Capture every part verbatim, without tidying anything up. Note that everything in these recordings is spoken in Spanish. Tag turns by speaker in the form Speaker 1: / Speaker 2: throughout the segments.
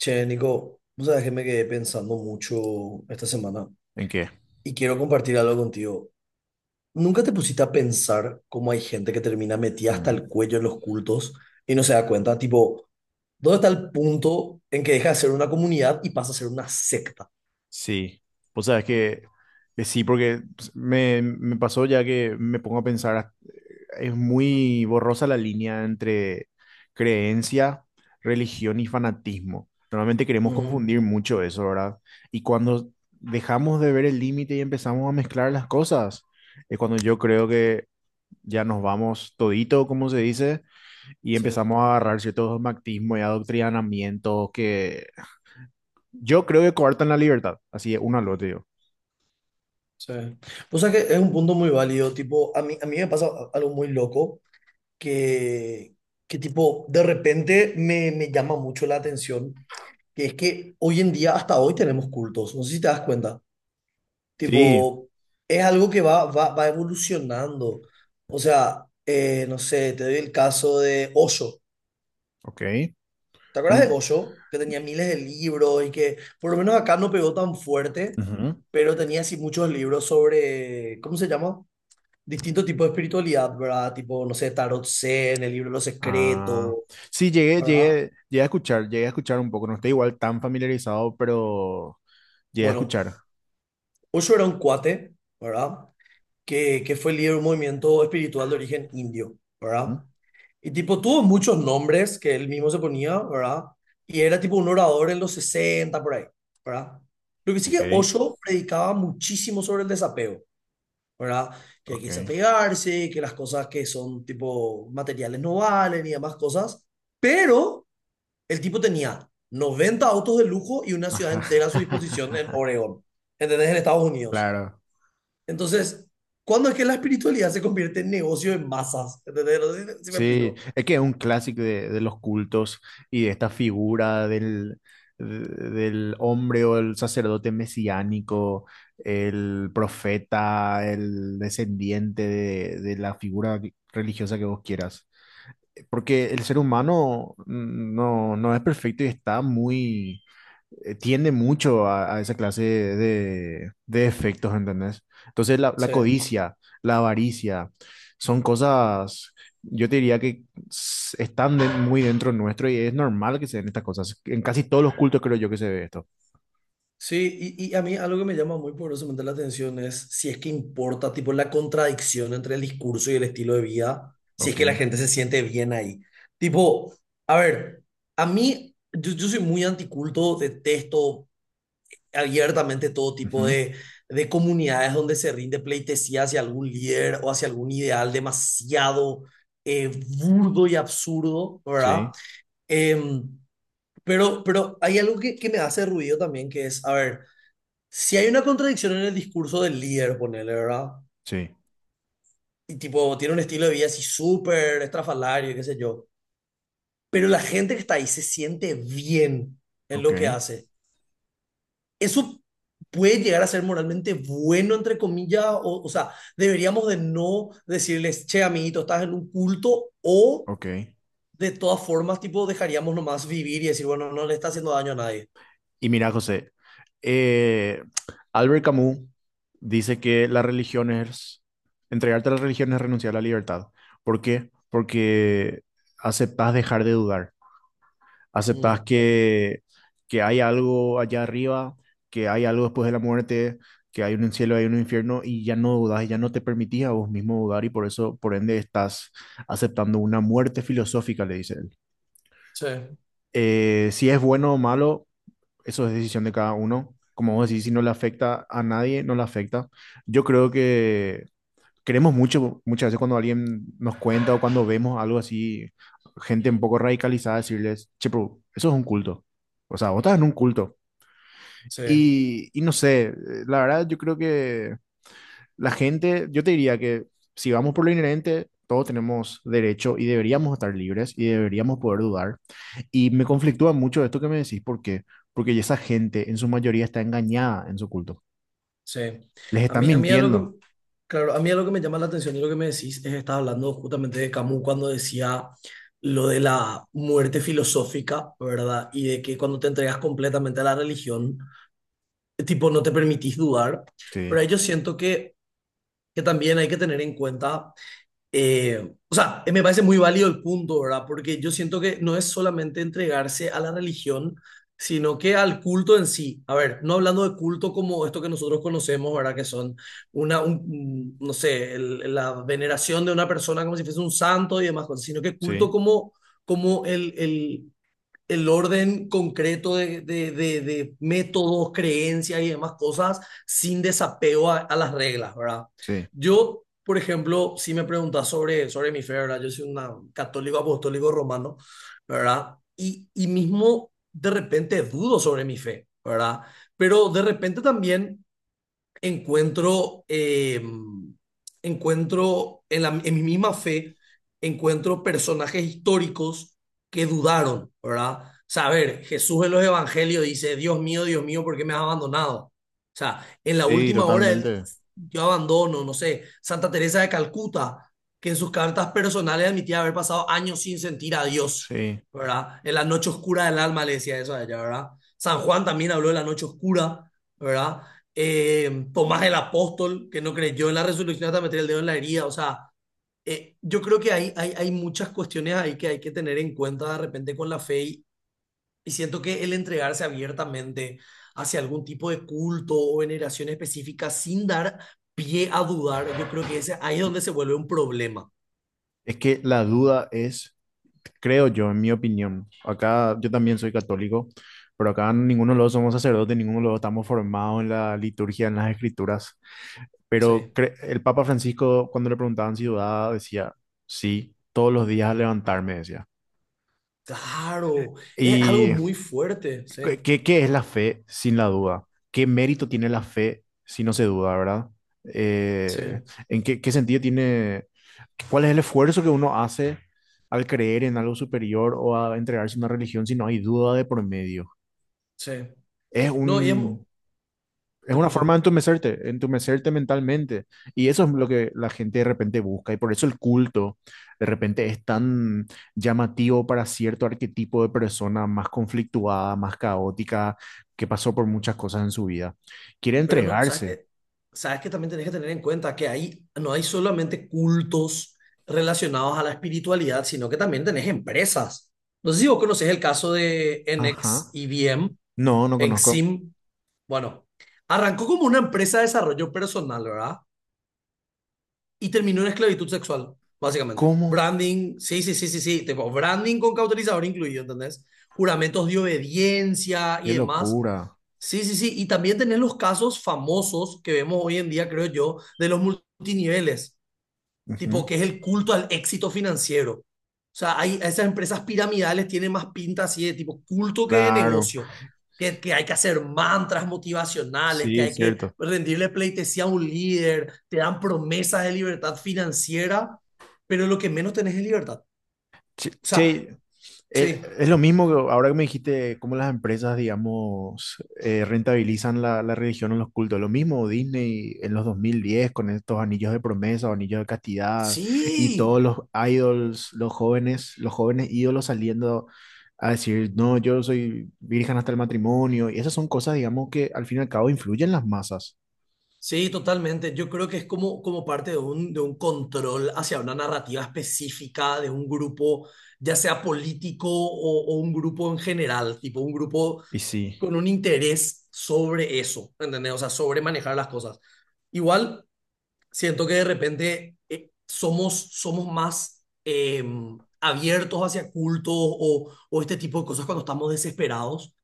Speaker 1: Che, Nico, vos sabés que me quedé pensando mucho esta semana
Speaker 2: ¿En qué?
Speaker 1: y quiero compartir algo contigo. ¿Nunca te pusiste a pensar cómo hay gente que termina metida hasta
Speaker 2: Mm.
Speaker 1: el cuello en los cultos y no se da cuenta? Tipo, ¿dónde está el punto en que deja de ser una comunidad y pasa a ser una secta?
Speaker 2: Sí. Pues sabes que, que eh, sí, porque pues, me, me pasó ya que me pongo a pensar, ah, es muy borrosa la línea entre creencia, religión y fanatismo. Normalmente queremos
Speaker 1: Ujú,
Speaker 2: confundir mucho eso, ¿verdad? Y cuando dejamos de ver el límite y empezamos a mezclar las cosas, es cuando yo creo que ya nos vamos todito, como se dice, y
Speaker 1: sí,
Speaker 2: empezamos a agarrar ciertos dogmatismos y adoctrinamientos que... Yo creo que coartan la libertad. Así es, uno al otro, digo.
Speaker 1: sí. O sea que es un punto muy válido. Tipo, a mí, a mí me pasa algo muy loco que, que tipo, de repente me, me llama mucho la atención, que es que hoy en día, hasta hoy tenemos cultos, no sé si te das cuenta,
Speaker 2: Sí,
Speaker 1: tipo, es algo que va, va, va evolucionando. O sea, eh, no sé, te doy el caso de Osho.
Speaker 2: ok.
Speaker 1: ¿Te acuerdas de
Speaker 2: Mm,
Speaker 1: Osho? Que tenía miles de libros y que por lo menos acá no pegó tan fuerte,
Speaker 2: ujú.
Speaker 1: pero tenía así muchos libros sobre, ¿cómo se llama? Distintos tipos de espiritualidad, ¿verdad? Tipo, no sé, Tarot Zen, el libro de los secretos,
Speaker 2: Ah, sí, llegué,
Speaker 1: ¿verdad?
Speaker 2: llegué, llegué a escuchar, llegué a escuchar un poco. No estoy igual tan familiarizado, pero llegué a
Speaker 1: Bueno,
Speaker 2: escuchar.
Speaker 1: Osho era un cuate, ¿verdad? Que, que fue líder de un movimiento espiritual de origen indio,
Speaker 2: Ujú.
Speaker 1: ¿verdad? Y tipo, tuvo muchos nombres que él mismo se ponía, ¿verdad? Y era tipo un orador en los sesenta por ahí, ¿verdad? Lo que sí que
Speaker 2: Ok.
Speaker 1: Osho predicaba muchísimo sobre el desapego, ¿verdad? Que hay que
Speaker 2: Ok.
Speaker 1: desapegarse, que las cosas que son tipo materiales no valen y demás cosas. Pero el tipo tenía noventa autos de lujo y una ciudad
Speaker 2: Ajá.
Speaker 1: entera a su disposición en Oregón, ¿entendés? En Estados Unidos.
Speaker 2: Claro.
Speaker 1: Entonces, ¿cuándo es que la espiritualidad se convierte en negocio en masas? ¿Entendés? No sé si, si me
Speaker 2: Sí,
Speaker 1: explico.
Speaker 2: es que es un clásico de, de los cultos y de esta figura del, de- del hombre o el sacerdote mesiánico, el profeta, el descendiente de, de la figura religiosa que vos quieras. Porque el ser humano no, no es perfecto y está muy, eh, tiende mucho a, a esa clase de, de efectos, ¿entendés? Entonces la, la
Speaker 1: Sí.
Speaker 2: codicia, la avaricia, son cosas, yo te diría que s- están de- muy dentro nuestro y es normal que se den estas cosas. En casi todos los cultos creo yo que se ve esto.
Speaker 1: Sí, y, y a mí algo que me llama muy poderosamente la atención es si es que importa, tipo, la contradicción entre el discurso y el estilo de vida, si es
Speaker 2: Ok.
Speaker 1: que la gente se siente bien ahí. Tipo, a ver, a mí, yo, yo soy muy anticulto, detesto abiertamente todo tipo
Speaker 2: Ujú.
Speaker 1: de, de comunidades donde se rinde pleitesía hacia algún líder o hacia algún ideal demasiado eh, burdo y absurdo, ¿verdad?
Speaker 2: Sí,
Speaker 1: Em, pero, pero hay algo que, que me hace ruido también, que es, a ver, si hay una contradicción en el discurso del líder, ponele, ¿verdad?
Speaker 2: sí.
Speaker 1: Y tipo, tiene un estilo de vida así súper estrafalario, qué sé yo. Pero la gente que está ahí se siente bien en
Speaker 2: Ok,
Speaker 1: lo que hace. Eso puede llegar a ser moralmente bueno, entre comillas, o, o sea, deberíamos de no decirles, che, amiguito, estás en un culto, o
Speaker 2: ok.
Speaker 1: de todas formas, tipo, dejaríamos nomás vivir y decir, bueno, no le está haciendo daño a nadie.
Speaker 2: Y mira, José, eh, Albert Camus dice que la religión es, entregarte a la religión es renunciar a la libertad. ¿Por qué? Porque aceptas dejar de dudar, aceptas
Speaker 1: Mm,
Speaker 2: que, que hay algo allá arriba, que hay algo después de la muerte, que hay un cielo, hay un infierno y ya no dudas, y ya no te permitís a vos mismo dudar y por eso, por ende, estás aceptando una muerte filosófica, le dice él.
Speaker 1: sí,
Speaker 2: Eh, si es bueno o malo, eso es decisión de cada uno. Como vos decís, si no le afecta a nadie, no le afecta. Yo creo que queremos mucho, muchas veces cuando alguien nos cuenta o cuando vemos algo así, gente un poco radicalizada, decirles, che, pero eso es un culto. O sea, vos estás en un culto.
Speaker 1: sí,
Speaker 2: Y, y no sé, eh, la verdad yo creo que la gente, yo te diría que si vamos por lo inherente, todos tenemos derecho y deberíamos estar libres y deberíamos poder dudar. Y me conflictúa mucho esto que me decís, ¿por qué? Porque esa gente en su mayoría está engañada en su culto.
Speaker 1: sí.
Speaker 2: Les
Speaker 1: A
Speaker 2: están
Speaker 1: mí, a mí es lo
Speaker 2: mintiendo.
Speaker 1: que, claro, a mí es lo que me llama la atención y lo que me decís es, estaba hablando justamente de Camus cuando decía lo de la muerte filosófica, ¿verdad? Y de que cuando te entregas completamente a la religión, tipo, no te permitís dudar,
Speaker 2: Sí,
Speaker 1: pero ahí yo siento que, que también hay que tener en cuenta, eh, o sea, eh, me parece muy válido el punto, ¿verdad? Porque yo siento que no es solamente entregarse a la religión, sino que al culto en sí. A ver, no hablando de culto como esto que nosotros conocemos, ¿verdad? Que son una, un- un- no sé, el- la veneración de una persona como si fuese un santo y demás cosas, sino que
Speaker 2: sí,
Speaker 1: culto como, como el, el el orden concreto de, de, de, de métodos, creencias y demás cosas sin desapego a, a las reglas, ¿verdad?
Speaker 2: sí,
Speaker 1: Yo, por ejemplo, si me preguntas sobre, sobre mi fe, ¿verdad? Yo soy un católico apostólico romano, ¿verdad? Y, y mismo de repente dudo sobre mi fe, ¿verdad? Pero de repente también encuentro, eh, encuentro en, la- en mi misma fe, encuentro personajes históricos que dudaron, ¿verdad? O sea, a ver, Jesús en los evangelios dice, Dios mío, Dios mío, ¿por qué me has abandonado? O sea, en la
Speaker 2: sí,
Speaker 1: última hora él,
Speaker 2: totalmente.
Speaker 1: yo abandono, no sé, Santa Teresa de Calcuta, que en sus cartas personales admitía haber pasado años sin sentir a Dios,
Speaker 2: Sí.
Speaker 1: ¿verdad? En la noche oscura del alma le decía eso a ella, ¿verdad? San Juan también habló de la noche oscura, ¿verdad? eh, Tomás el apóstol, que no creyó en la resurrección hasta meter el dedo en la herida. O sea, eh, yo creo que hay, hay, hay muchas cuestiones ahí que hay que tener en cuenta de repente con la fe y, y siento que el entregarse abiertamente hacia algún tipo de culto o veneración específica sin dar pie a dudar, yo creo que ese, ahí es donde se vuelve un problema.
Speaker 2: Es que la duda es, creo yo, en mi opinión, acá yo también soy católico, pero acá ninguno de los dos somos sacerdotes, ninguno de los dos estamos formados en la liturgia, en las escrituras. Pero
Speaker 1: Sí,
Speaker 2: cre- el Papa Francisco, cuando le preguntaban si dudaba, decía, sí, todos los días al levantarme, decía.
Speaker 1: claro, es algo
Speaker 2: ¿Y
Speaker 1: muy fuerte, sí,
Speaker 2: qué, qué- qué es la fe sin la duda? ¿Qué mérito tiene la fe si no se duda, verdad?
Speaker 1: sí,
Speaker 2: Eh, ¿en qué, qué sentido tiene, cuál es el esfuerzo que uno hace al creer en algo superior o a entregarse a una religión si no hay duda de por medio?
Speaker 1: sí.
Speaker 2: Es
Speaker 1: No, y es
Speaker 2: un
Speaker 1: mu-
Speaker 2: Es
Speaker 1: Te
Speaker 2: una
Speaker 1: escucho.
Speaker 2: forma de entumecerte, entumecerte mentalmente. Y eso es lo que la gente de repente busca. Y por eso el culto de repente es tan llamativo para cierto arquetipo de persona más conflictuada, más caótica, que pasó por muchas cosas en su vida. Quiere
Speaker 1: Pero no, sabes
Speaker 2: entregarse.
Speaker 1: que, sabes que también tenés que tener en cuenta que ahí no hay solamente cultos relacionados a la espiritualidad, sino que también tenés empresas. No sé si vos conocés el caso de
Speaker 2: Ajá.
Speaker 1: N X I B M,
Speaker 2: No, no conozco.
Speaker 1: N X I M. Bueno, arrancó como una empresa de desarrollo personal, ¿verdad? Y terminó en esclavitud sexual, básicamente.
Speaker 2: ¿Cómo?
Speaker 1: Branding, sí, sí, sí, sí, sí, tipo branding con cauterizador incluido, ¿entendés? Juramentos de obediencia
Speaker 2: Qué
Speaker 1: y demás.
Speaker 2: locura.
Speaker 1: Sí, sí, sí. Y también tenés los casos famosos que vemos hoy en día, creo yo, de los multiniveles, tipo
Speaker 2: Ujú.
Speaker 1: que es el culto al éxito financiero. O sea, hay esas empresas piramidales tienen más pinta así de tipo culto que de
Speaker 2: Claro.
Speaker 1: negocio, que, que hay que hacer mantras motivacionales, que
Speaker 2: Sí,
Speaker 1: hay que
Speaker 2: cierto.
Speaker 1: rendirle pleitesía a un líder, te dan promesas de libertad financiera, pero lo que menos tenés es libertad. O
Speaker 2: Che,
Speaker 1: sea,
Speaker 2: che, eh,
Speaker 1: sí,
Speaker 2: es lo mismo que ahora que me dijiste cómo las empresas, digamos, eh, rentabilizan la, la religión en los cultos. Lo mismo Disney en los dos mil diez con estos anillos de promesa o anillos de castidad y
Speaker 1: sí,
Speaker 2: todos los idols, los jóvenes, los jóvenes ídolos saliendo a decir, no, yo soy virgen hasta el matrimonio. Y esas son cosas, digamos, que al fin y al cabo influyen en las masas.
Speaker 1: sí, totalmente. Yo creo que es como, como parte de un, de un control hacia una narrativa específica de un grupo, ya sea político o, o un grupo en general, tipo un grupo
Speaker 2: Y sí,
Speaker 1: con un interés sobre eso, ¿entendés? O sea, sobre manejar las cosas. Igual, siento que de repente eh, somos, somos más eh, abiertos hacia cultos o, o este tipo de cosas cuando estamos desesperados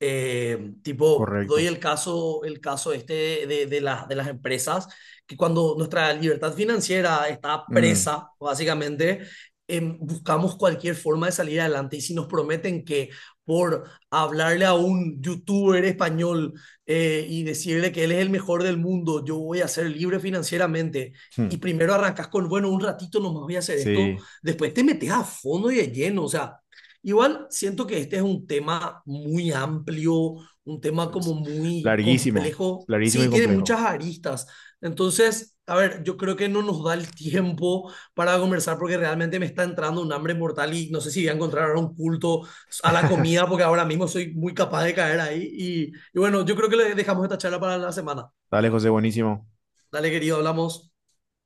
Speaker 1: eh, tipo, doy
Speaker 2: correcto.
Speaker 1: el caso, el caso este de, de las- de las empresas, que cuando nuestra libertad financiera está
Speaker 2: Mm,
Speaker 1: presa, básicamente, em, buscamos cualquier forma de salir adelante. Y si nos prometen que por hablarle a un youtuber español eh, y decirle que él es el mejor del mundo, yo voy a ser libre financieramente.
Speaker 2: hmm,
Speaker 1: Y primero arrancas con, bueno, un ratito nomás voy a hacer esto,
Speaker 2: sí,
Speaker 1: después te metes a fondo y de lleno, o sea, igual siento que este es un tema muy amplio, un tema como
Speaker 2: es
Speaker 1: muy
Speaker 2: larguísimo,
Speaker 1: complejo.
Speaker 2: larguísimo y
Speaker 1: Sí, tiene
Speaker 2: complejo.
Speaker 1: muchas aristas. Entonces, a ver, yo creo que no nos da el tiempo para conversar porque realmente me está entrando un hambre mortal y no sé si voy a encontrar ahora un culto a la comida porque ahora mismo soy muy capaz de caer ahí. Y, y bueno, yo creo que le dejamos esta charla para la semana.
Speaker 2: Dale, José, buenísimo.
Speaker 1: Dale, querido, hablamos.